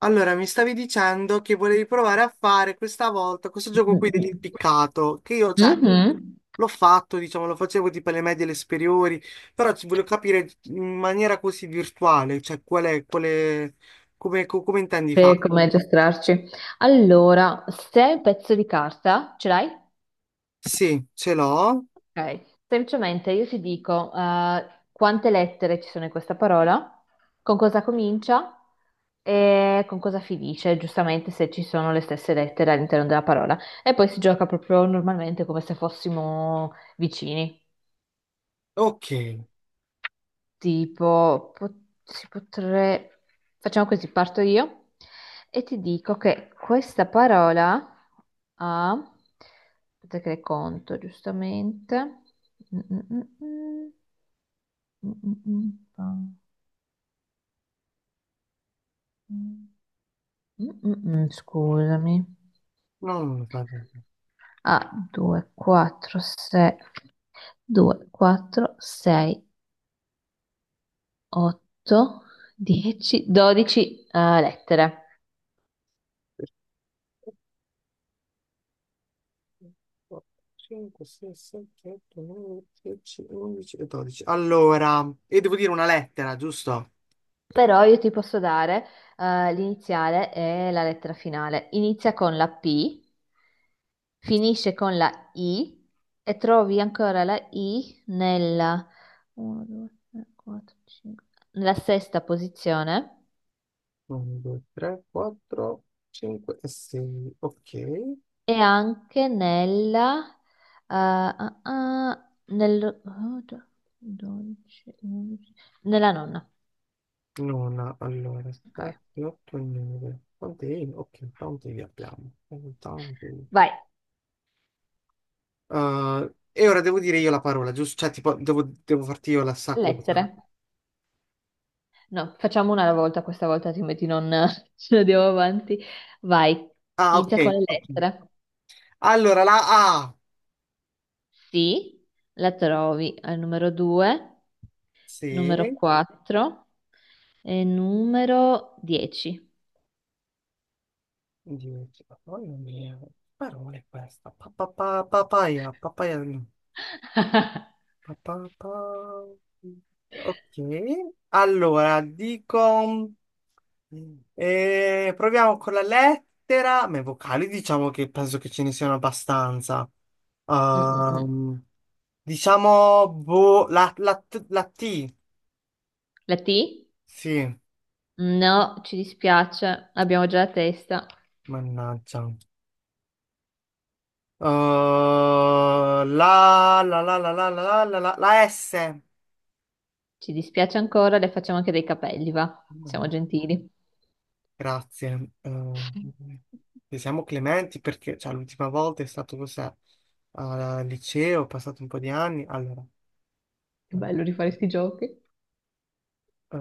Allora, mi stavi dicendo che volevi provare a fare questa volta questo gioco qui Mhm. dell'impiccato, che io, cioè, Mhm. l'ho fatto, diciamo, lo facevo tipo alle medie e alle superiori, però ci voglio capire in maniera così virtuale, cioè, qual è, come, come intendi Per farlo? come aggiustarci. Allora, se hai un pezzo di carta ce l'hai? Sì, ce l'ho. Ok. Semplicemente io ti dico quante lettere ci sono in questa parola, con cosa comincia e con cosa finisce, giustamente se ci sono le stesse lettere all'interno della parola. E poi si gioca proprio normalmente come se fossimo vicini. Ok. Tipo, si potrebbe... Facciamo così, parto io e ti dico che questa parola ha... Aspetta che le conto, giustamente. Mm, mm, mm, mm, mm, Scusami. No, non lo faccio. A 2, 4, 6, 2, 4, 6, 8, 10, 12 lettere. 5, 6, 7, 8, 9, 10, 11 e 12. Allora, e devo dire una lettera, giusto? Però io ti posso dare l'iniziale e la lettera finale. Inizia con la P, finisce con la I e trovi ancora la I nella, 1, 2, 3, 4, 5, nella sesta posizione 1, 2, 3, 4, 5 e 6. Ok. e anche nella, ah, ah, nel, oh, do- 12, 11, nella nonna. Nona, allora, Ok. 7, 8 e 9. Quante I? Ok, tanti li abbiamo. Tanti. Vai, E ora devo dire io la parola, giusto? Cioè, tipo, devo farti io la sa cosa. lettere. No, facciamo una alla volta, questa volta altrimenti non ce ne andiamo avanti. Vai, Ah, ok, inizia con le ok. lettere. Allora, la A. Sì, la trovi al numero 2, numero Sì. 4 e numero 10. 10. Mamma mia, che parola è questa? Papaya, papaya, no. Pa, pa- pa- Ok. Allora, dico. E proviamo con la lettera, ma i vocali diciamo che penso che ce ne siano abbastanza. Mm, mm, mm. Ehm, diciamo boh, la T, La T? sì, No, ci dispiace, abbiamo già la testa. mannaggia. Eh, la, la S. Ci dispiace ancora, le facciamo anche dei capelli, va? Siamo gentili. Grazie. Se siamo clementi perché cioè, l'ultima volta è stato cos'è? Al liceo, ho passato un po' di anni. Allora. Che eh, bello rifare sti giochi. Eh,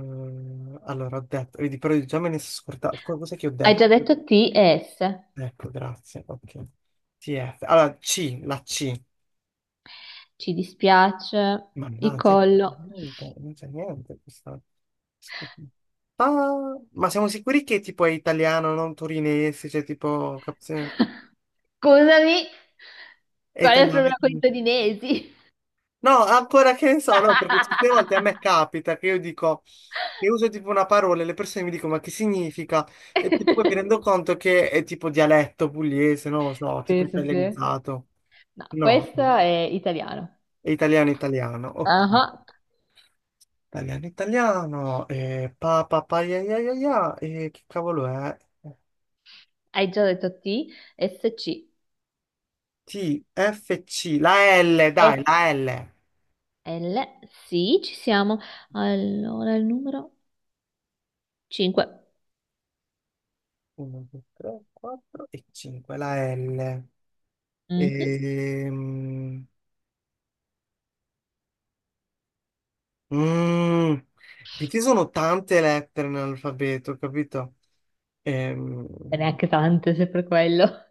allora, ho detto, vedi, però già me ne sono scordato. Cos'è che ho Hai detto? già detto T e S. Ecco, grazie. Ok. TF. Allora, C, la C. Ci dispiace, il Mannaggia, collo. niente, non c'è niente. Questa... Scusi. Ah, ma siamo sicuri che tipo è italiano, non torinese? Cioè, tipo, Scusami, è qual è il italiano. problema con i torinesi? No, ancora che ne so, no, perché certe volte a me capita che io dico, che uso tipo una parola e le persone mi dicono ma che significa? Poi mi rendo conto che è tipo dialetto pugliese, non lo so, tipo Sì, sì, sì. italianizzato. No, No, questo è italiano. è italiano italiano, ok. Ah, Italiano italiano, pa pa pa ya ya ya ya, che cavolo è? hai già detto T, S, C, T, F, C, la L, S, dai, la L. L. Sì, ci siamo. Allora, il numero 5. 1, 2, 3, 4 e 5, la L. E Ehm, mm, e ci sono tante lettere nell'alfabeto, capito? Ehm, neanche tante, se per quello.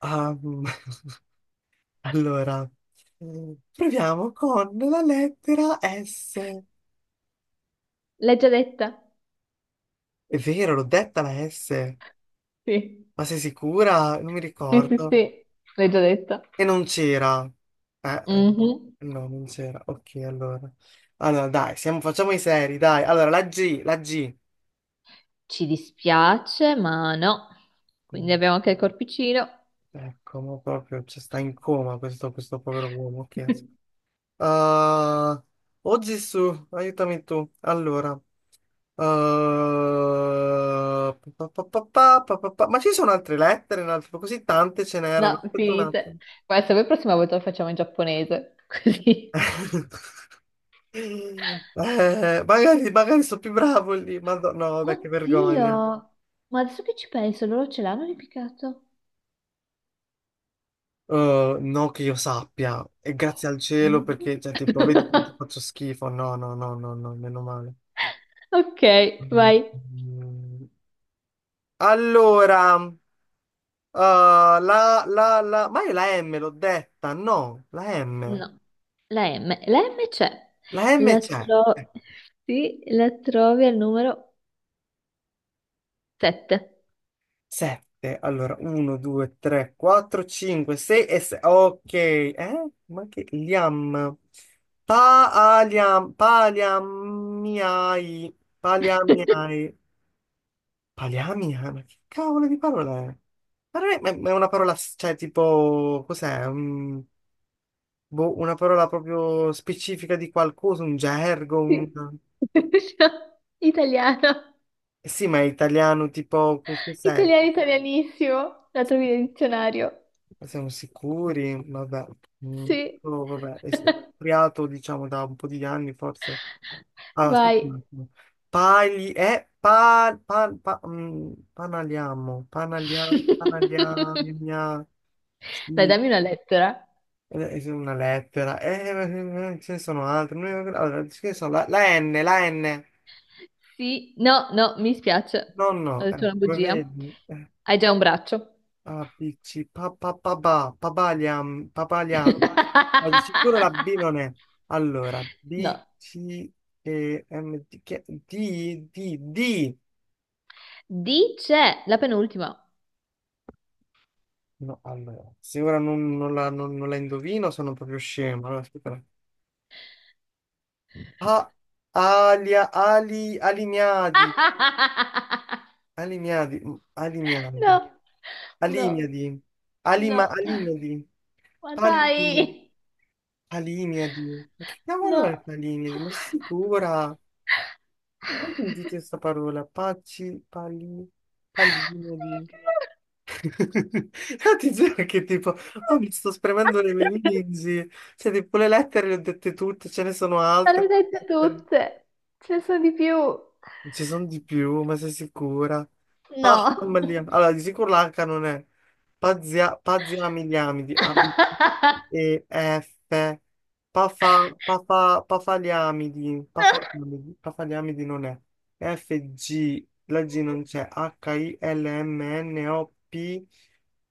ah, mm, allora, proviamo con la lettera S. L'hai già detta? È vero, l'ho detta la S, Sì, ma sei sicura? Non mi sì, sì, ricordo. sì. L'hai già detta. E non c'era. Eh, eh, Mhm. no, non c'era. Ok, allora. Allora, dai, facciamo i seri, dai. Allora, la G. Ci dispiace, ma no. Quindi Mm. abbiamo anche il corpicino. Ecco, ma proprio cioè, sta in coma questo povero uomo. Ah, oh Gesù, aiutami tu. Allora, ah, ma ci sono altre lettere, così tante ce n'erano. No, Aspetta un finite. attimo. Ma se vuoi, prossima volta lo facciamo in giapponese. Così. Magari, magari sono più bravo lì, ma no, no, vabbè, che vergogna. Oddio, ma adesso che ci penso, loro ce l'hanno ripiccato? No, che io sappia, e grazie al cielo No. perché, cioè, tipo, vedi quanto faccio schifo. No, no, no, no, no, meno male. Ok, Mm. vai. Allora, eh, ma io la M l'ho detta, no, la M. No, la M. La M c'è. La M La, c'è. tro- sì, la trovi al numero 7. 7. Allora, 1, 2, 3, 4, 5, 6 e 6. Ok, eh? Ma che liam? Paliam, paliamiai, paliamiai. Paliamia? Ma che cavolo di parola è? Ma non è ma è una parola, cioè, tipo, cos'è? Mm, boh, una parola proprio specifica di qualcosa, un gergo, un... Sì. Italiano. Eh sì, ma è italiano, tipo, cos'è? Italiano italianissimo, la trovi nel dizionario. Siamo sicuri? Vabbè. Mm, Sì. oh, vabbè, è creato, diciamo, da un po' di anni, forse. Ah, aspetta Vai. un attimo. Pagli... pa, pa, pa, mm, panaliamo, panaliagna, Dai, sì, dammi una lettera. È una lettera. Ce ne sono altre. Allora, ce ne sono la N, la N. Sì, no, no, mi spiace. No, Ho no, detto una come bugia. vedi, Hai già un braccio. ABC, pa, pa, pa, pa, papaliam, papaliam. Ma di sicuro la B non è. Allora, B, No. C, E, M, D, D, D, D. Dice la penultima. No, allora, se ora non, non la, non- non la indovino sono proprio scemo. Allora, aspetta. A, alimiadi, alimiadi, mm, alimiadi, No, no, alimiadi, no. alimiadi, Ma alimiadi. dai, Palimiadi, ma che cavolo no. è Palimiadi? Ma sei sicura? Mai sentito questa parola? Pacci, pali, Palimiadi. Io ti giuro che tipo, oh, mi sto spremendo le meningi, cioè tipo le lettere le ho dette tutte, ce ne sono Ma le altre. hai dette tutte, ce ne sono di più. Non ci sono di più, ma sei sicura? No. Palmaliam. Allora, di sicuro l'H non è. Paziamiliamidi, A, B, C, E, F. Pafa, pafa, pafaliamidi, pafaliamidi, pafaliamidi non è. F, G, la G non c'è. H, I, L, M, N, O, P,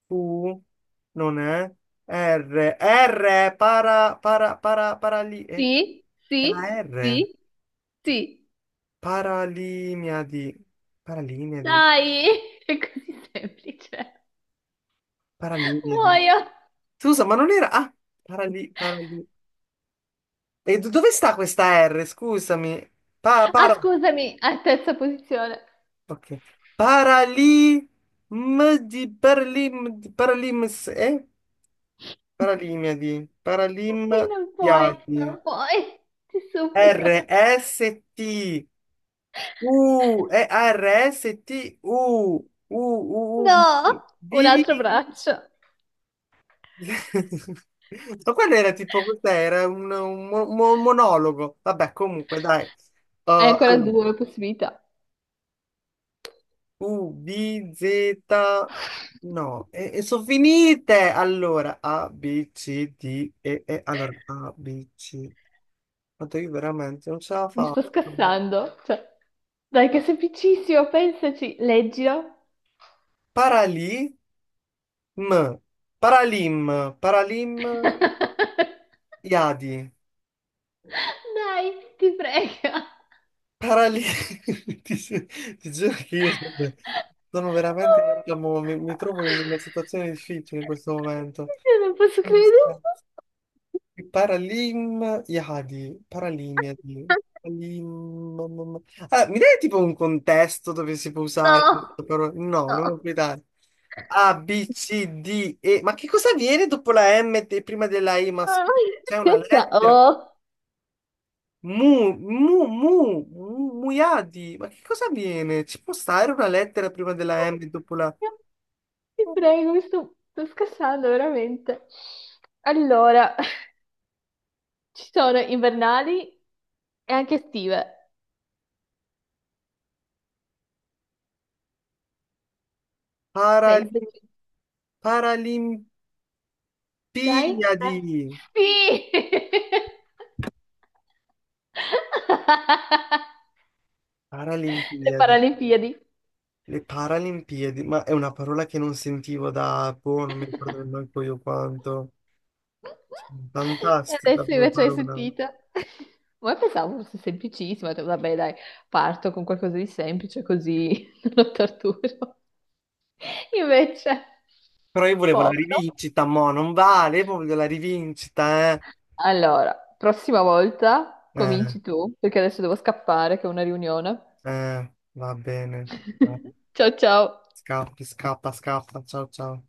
Q, non è. R, R, para, para, para, para lì. Sì, Era sì, R. sì, sì. Paralimiadi. Paralimiadi. Dai, è così semplice. Paralimiadi. Muoio. Scusa, ma non era... Ah, parali... parali- e dove sta questa R? Scusami. Pa, Ah, para... scusami, a terza posizione. Ok. Parali... M di Paralim... di Paralims... Eh? Paralimiadi. Sì, non puoi, Paralimadiadi. non puoi. Ti supplico. R-S-T... U... E-R-S-T-U... U... U... No, U... un V... altro braccio. Ma quello era tipo, cos'era? Un monologo. Vabbè, comunque, dai. Uh, Hai ancora allora, due possibilità. U, B, Z. No, sono finite. Allora, A, B, C, D, E. Allora, A, B, C. Quanto io veramente non ce la Mi faccio. sto scassando. Cioè, dai, che è semplicissimo, pensaci, leggilo. Paralim, Paralim, Paralim, Iadi. Dai, ti prego. Parali- ti, gi- ti giuro che io sono Oh veramente, mio Allora. diciamo, mi trovo in una situazione difficile in questo momento. Dio. Io non posso Allora, credere. aspetta. Paralim Yadi, Paralim Yadi, Paralim... Ah, mi dai tipo un contesto dove si può usare No, questa parola? No, non lo no. puoi dare. A, B, C, D, E. Ma che cosa viene dopo la M e prima della I? Ma scusa, c'è una lettera? Oh. Mu, mu, mu, muiadi. Ma che cosa avviene? Ci può stare una lettera prima della M e dopo la Ti prego, mi sto scassando veramente. Allora. Ci sono invernali e anche estive. Parali- Pensaci. Paralimpiadi. Dai? Ah, sì! Le Paralimpiadi. Paralimpiadi. Le Paralimpiadi. Ma è una parola che non sentivo da, boh, non mi ricordo neanche io quanto. E Fantastica adesso come invece hai parola. sentito. Ma pensavo fosse semplicissima, ho detto, vabbè, dai, parto con qualcosa di semplice così non lo torturo. Invece, Però io volevo la povero. rivincita, mo, non vale, io voglio la rivincita, eh. Allora, prossima volta Eh, cominci tu, perché adesso devo scappare che ho una riunione. Va bene. Ciao ciao. Scappi, scappa, scappa. Ciao, ciao.